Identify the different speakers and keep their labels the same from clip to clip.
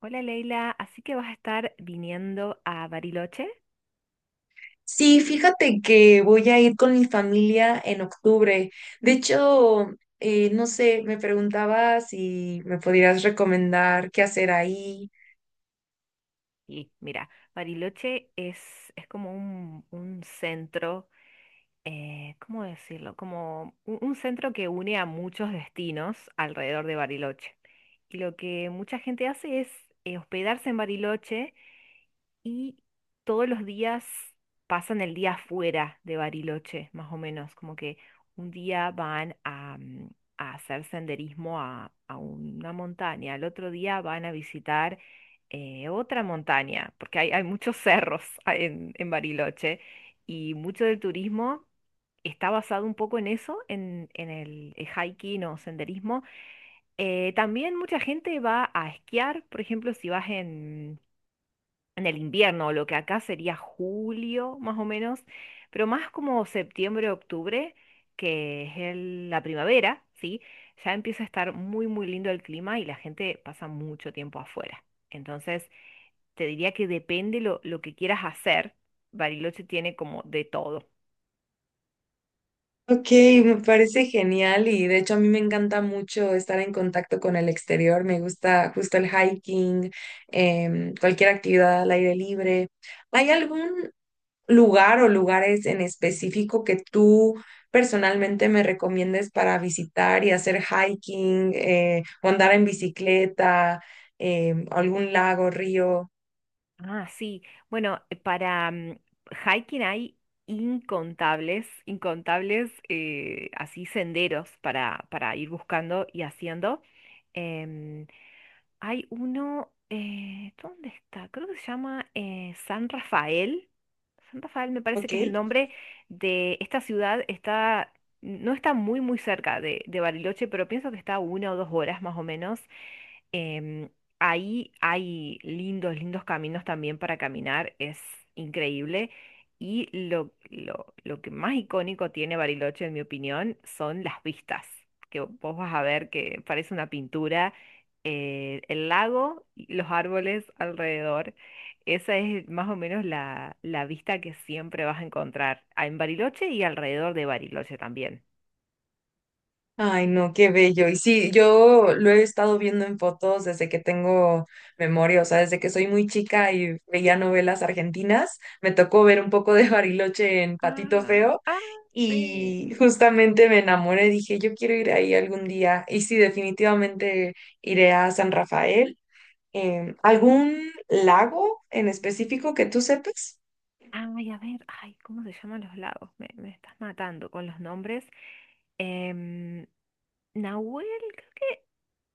Speaker 1: Hola Leila, así que vas a estar viniendo a Bariloche.
Speaker 2: Sí, fíjate que voy a ir con mi familia en octubre. De hecho, no sé, me preguntaba si me podrías recomendar qué hacer ahí.
Speaker 1: Y mira, Bariloche es como un centro, ¿cómo decirlo? Como un centro que une a muchos destinos alrededor de Bariloche. Y lo que mucha gente hace es hospedarse en Bariloche y todos los días pasan el día fuera de Bariloche, más o menos, como que un día van a a hacer senderismo a una montaña, al otro día van a visitar otra montaña, porque hay muchos cerros en Bariloche y mucho del turismo está basado un poco en eso, en el hiking o senderismo. También mucha gente va a esquiar, por ejemplo, si vas en el invierno, lo que acá sería julio más o menos, pero más como septiembre, octubre, que es la primavera, ¿sí? Ya empieza a estar muy lindo el clima y la gente pasa mucho tiempo afuera. Entonces, te diría que depende lo que quieras hacer. Bariloche tiene como de todo.
Speaker 2: Ok, me parece genial y de hecho a mí me encanta mucho estar en contacto con el exterior. Me gusta justo el hiking, cualquier actividad al aire libre. ¿Hay algún lugar o lugares en específico que tú personalmente me recomiendes para visitar y hacer hiking o andar en bicicleta, algún lago, río?
Speaker 1: Ah, sí. Bueno, para hiking hay incontables así senderos para ir buscando y haciendo. Em, Hay uno, ¿dónde está? Creo que se llama San Rafael. San Rafael me parece
Speaker 2: Ok.
Speaker 1: que es el nombre de esta ciudad. No está muy cerca de Bariloche, pero pienso que está a una o dos horas más o menos. Em, Ahí hay lindos caminos también para caminar, es increíble. Y lo que más icónico tiene Bariloche, en mi opinión, son las vistas, que vos vas a ver que parece una pintura, el lago y los árboles alrededor. Esa es más o menos la vista que siempre vas a encontrar en Bariloche y alrededor de Bariloche también.
Speaker 2: Ay, no, qué bello. Y sí, yo lo he estado viendo en fotos desde que tengo memoria, o sea, desde que soy muy chica y veía novelas argentinas, me tocó ver un poco de Bariloche en Patito
Speaker 1: Ah,
Speaker 2: Feo
Speaker 1: ah, sí.
Speaker 2: y justamente me enamoré, dije, yo quiero ir ahí algún día. Y sí, definitivamente iré a San Rafael. Em, ¿algún lago en específico que tú sepas?
Speaker 1: Ay, a ver, ay, ¿cómo se llaman los lagos? Me estás matando con los nombres. Em, Nahuel, creo que-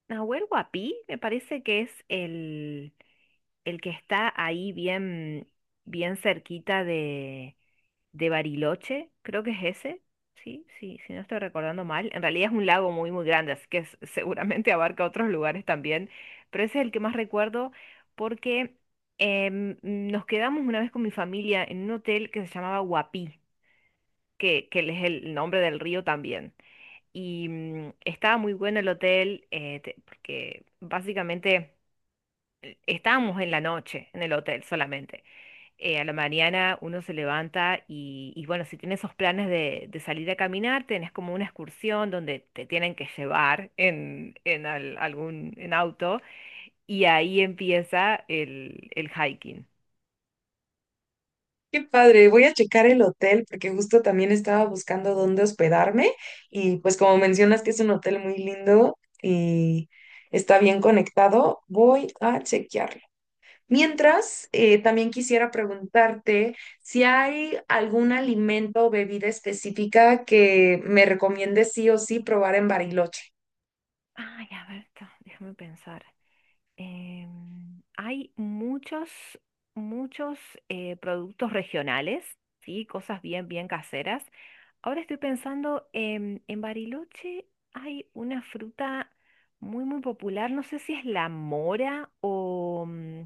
Speaker 1: Nahuel Huapi, me parece que es el que está ahí bien, bien cerquita de Bariloche, creo que es ese, sí, sí, si no estoy recordando mal. En realidad es un lago muy grande, así que seguramente abarca otros lugares también, pero ese es el que más recuerdo porque nos quedamos una vez con mi familia en un hotel que se llamaba Huapi que es el nombre del río también. Y estaba muy bueno el hotel, porque básicamente estábamos en la noche en el hotel solamente. A la mañana uno se levanta y bueno, si tienes esos planes de salir a caminar, tenés como una excursión donde te tienen que llevar en al- algún en auto y ahí empieza el hiking.
Speaker 2: Qué padre, voy a checar el hotel porque justo también estaba buscando dónde hospedarme y pues como mencionas que es un hotel muy lindo y está bien conectado, voy a chequearlo. Mientras, también quisiera preguntarte si hay algún alimento o bebida específica que me recomiendes sí o sí probar en Bariloche.
Speaker 1: Ay, a ver, déjame pensar. Hay muchos productos regionales, ¿sí? Cosas bien, bien caseras. Ahora estoy pensando, en Bariloche hay una fruta muy popular, no sé si es la mora o mm,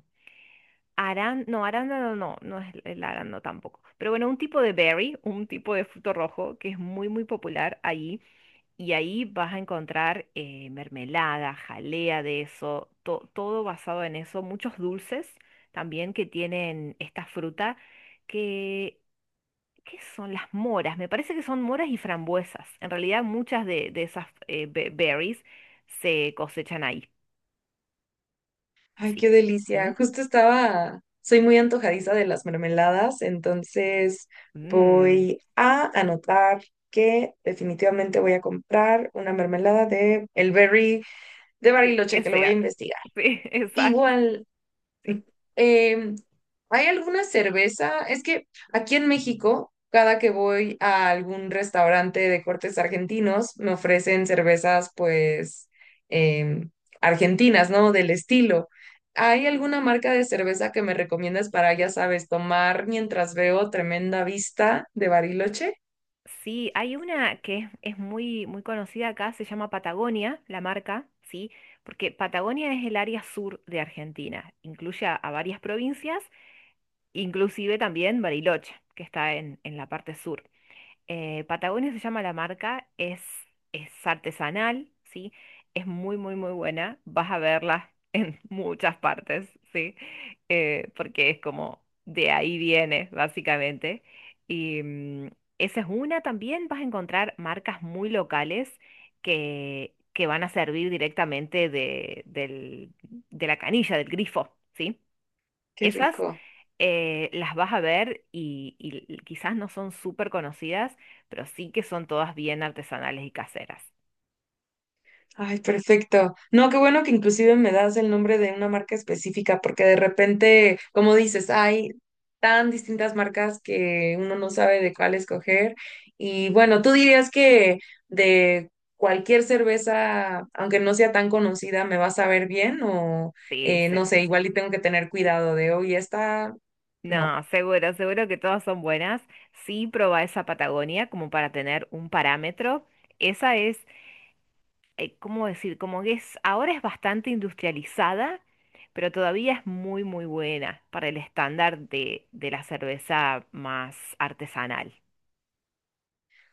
Speaker 1: aran, no, arándano no, no es el arándano tampoco. Pero bueno, un tipo de berry, un tipo de fruto rojo que es muy popular allí y ahí vas a encontrar mermelada, jalea de eso, todo basado en eso, muchos dulces también que tienen esta fruta, que, ¿qué son las moras? Me parece que son moras y frambuesas. En realidad muchas de esas berries se cosechan ahí,
Speaker 2: Ay,
Speaker 1: sí.
Speaker 2: qué
Speaker 1: ¿Mm?
Speaker 2: delicia. Justo estaba, soy muy antojadiza de las mermeladas, entonces
Speaker 1: Mm,
Speaker 2: voy a anotar que definitivamente voy a comprar una mermelada de el berry de
Speaker 1: sí,
Speaker 2: Bariloche,
Speaker 1: que
Speaker 2: que lo voy a
Speaker 1: sea,
Speaker 2: investigar.
Speaker 1: sí, exacto.
Speaker 2: Igual
Speaker 1: Sí.
Speaker 2: em, ¿hay alguna cerveza? Es que aquí en México, cada que voy a algún restaurante de cortes argentinos, me ofrecen cervezas, pues, em, argentinas, ¿no? Del estilo. ¿Hay alguna marca de cerveza que me recomiendas para, ya sabes, tomar mientras veo tremenda vista de Bariloche?
Speaker 1: Sí, hay una que es muy, muy conocida acá, se llama Patagonia, la marca, ¿sí? Porque Patagonia es el área sur de Argentina, incluye a varias provincias, inclusive también Bariloche, que está en la parte sur. Patagonia se llama la marca, es artesanal, ¿sí? Es muy buena. Vas a verla en muchas partes, ¿sí? Porque es como de ahí viene, básicamente. Y esa es una. También vas a encontrar marcas muy locales que van a servir directamente de la canilla, del grifo, ¿sí?
Speaker 2: Qué
Speaker 1: Esas
Speaker 2: rico.
Speaker 1: las vas a ver y quizás no son súper conocidas, pero sí que son todas bien artesanales y caseras.
Speaker 2: Ay, perfecto. No, qué bueno que inclusive me das el nombre de una marca específica, porque de repente, como dices, hay tan distintas marcas que uno no sabe de cuál escoger. Y bueno, tú dirías que de cualquier cerveza, aunque no sea tan conocida, ¿me va a saber bien? O
Speaker 1: Sí,
Speaker 2: no sé,
Speaker 1: seguro.
Speaker 2: igual y tengo que tener cuidado de, hoy esta, no.
Speaker 1: No, seguro, seguro que todas son buenas. Sí, probá esa Patagonia como para tener un parámetro. Esa es, ¿cómo decir? Como que es, ahora es bastante industrializada, pero todavía es muy buena para el estándar de la cerveza más artesanal.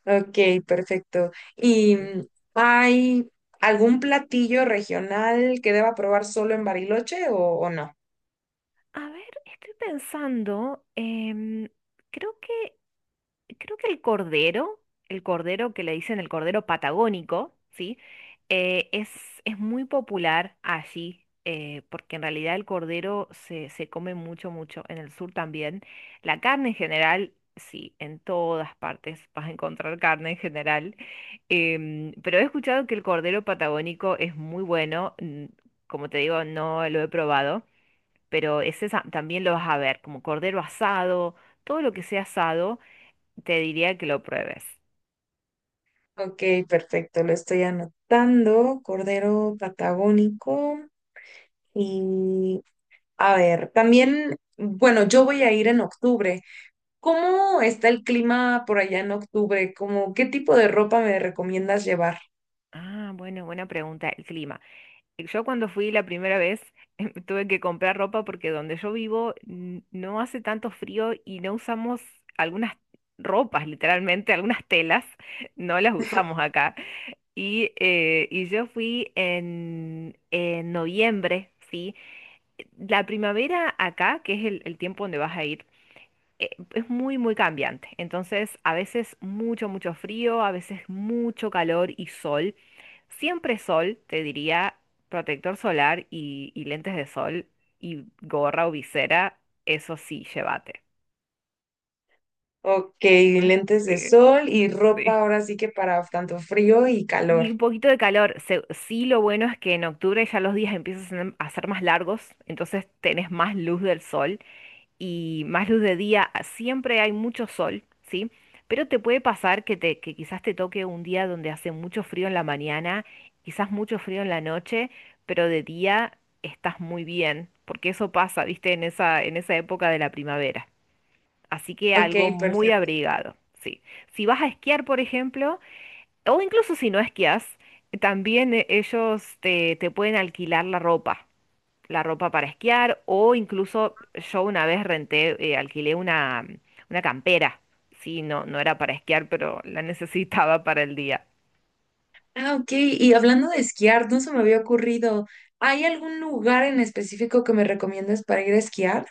Speaker 2: Ok, perfecto. ¿Y hay algún platillo regional que deba probar solo en Bariloche o no?
Speaker 1: A ver, estoy pensando, creo que, creo que el cordero que le dicen el cordero patagónico, ¿sí? Eh, es, es muy popular allí, porque en realidad el cordero se come mucho, mucho, en el sur también. La carne en general, sí, en todas partes vas a encontrar carne en general, pero he escuchado que el cordero patagónico es muy bueno, mm, como te digo, no lo he probado pero ese también lo vas a ver, como cordero asado, todo lo que sea asado, te diría que lo pruebes.
Speaker 2: Ok, perfecto, lo estoy anotando. Cordero patagónico. Y a ver, también, bueno, yo voy a ir en octubre. ¿Cómo está el clima por allá en octubre? ¿Cómo, qué tipo de ropa me recomiendas llevar?
Speaker 1: Ah, bueno, buena pregunta, el clima. Yo cuando fui la primera vez tuve que comprar ropa porque donde yo vivo no hace tanto frío y no usamos algunas ropas, literalmente, algunas telas, no las usamos acá. Y yo fui en noviembre, ¿sí? La primavera acá, que es el tiempo donde vas a ir es muy cambiante. Entonces, a veces mucho frío, a veces mucho calor y sol. Siempre sol, te diría, protector solar y lentes de sol y gorra o visera, eso sí, llévate.
Speaker 2: Ok,
Speaker 1: Mm,
Speaker 2: lentes de
Speaker 1: sí,
Speaker 2: sol y ropa
Speaker 1: sí.
Speaker 2: ahora sí que para tanto frío y calor.
Speaker 1: Y un poquito de calor. Sí, lo bueno es que en octubre ya los días empiezan a ser más largos, entonces tenés más luz del sol y más luz de día, siempre hay mucho sol, ¿sí? Pero te puede pasar que, te, que quizás te toque un día donde hace mucho frío en la mañana, quizás mucho frío en la noche, pero de día estás muy bien, porque eso pasa, ¿viste? En esa época de la primavera. Así que
Speaker 2: Ok,
Speaker 1: algo muy
Speaker 2: perfecto.
Speaker 1: abrigado, sí. Si vas a esquiar, por ejemplo, o incluso si no esquias, también ellos te pueden alquilar la ropa para esquiar o incluso yo una vez alquilé una campera. Sí, no, no era para esquiar, pero la necesitaba para el día.
Speaker 2: Ah, ok. Y hablando de esquiar, no se me había ocurrido. ¿Hay algún lugar en específico que me recomiendas para ir a esquiar?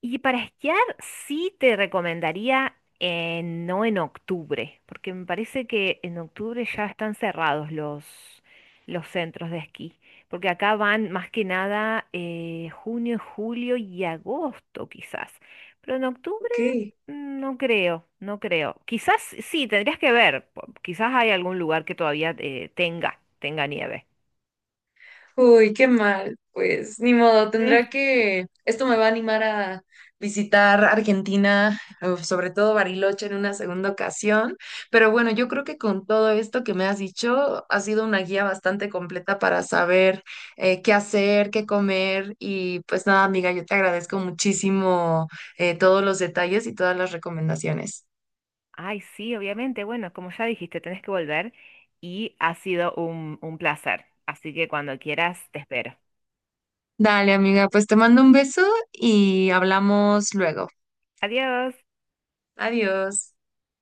Speaker 1: Y para esquiar sí te recomendaría no en octubre, porque me parece que en octubre ya están cerrados los centros de esquí, porque acá van más que nada junio, julio y agosto quizás, pero en octubre
Speaker 2: Ok.
Speaker 1: mm, no creo, no creo. Quizás sí, tendrías que ver. Quizás hay algún lugar que todavía tenga nieve.
Speaker 2: Uy, qué mal. Pues ni modo,
Speaker 1: Mm.
Speaker 2: tendrá que... Esto me va a animar a visitar Argentina, o sobre todo Bariloche en una segunda ocasión. Pero bueno, yo creo que con todo esto que me has dicho, ha sido una guía bastante completa para saber qué hacer, qué comer. Y pues nada, amiga, yo te agradezco muchísimo todos los detalles y todas las recomendaciones.
Speaker 1: Ay, sí, obviamente. Bueno, como ya dijiste, tenés que volver y ha sido un placer. Así que cuando quieras, te espero.
Speaker 2: Dale, amiga, pues te mando un beso y hablamos luego.
Speaker 1: Adiós.
Speaker 2: Adiós.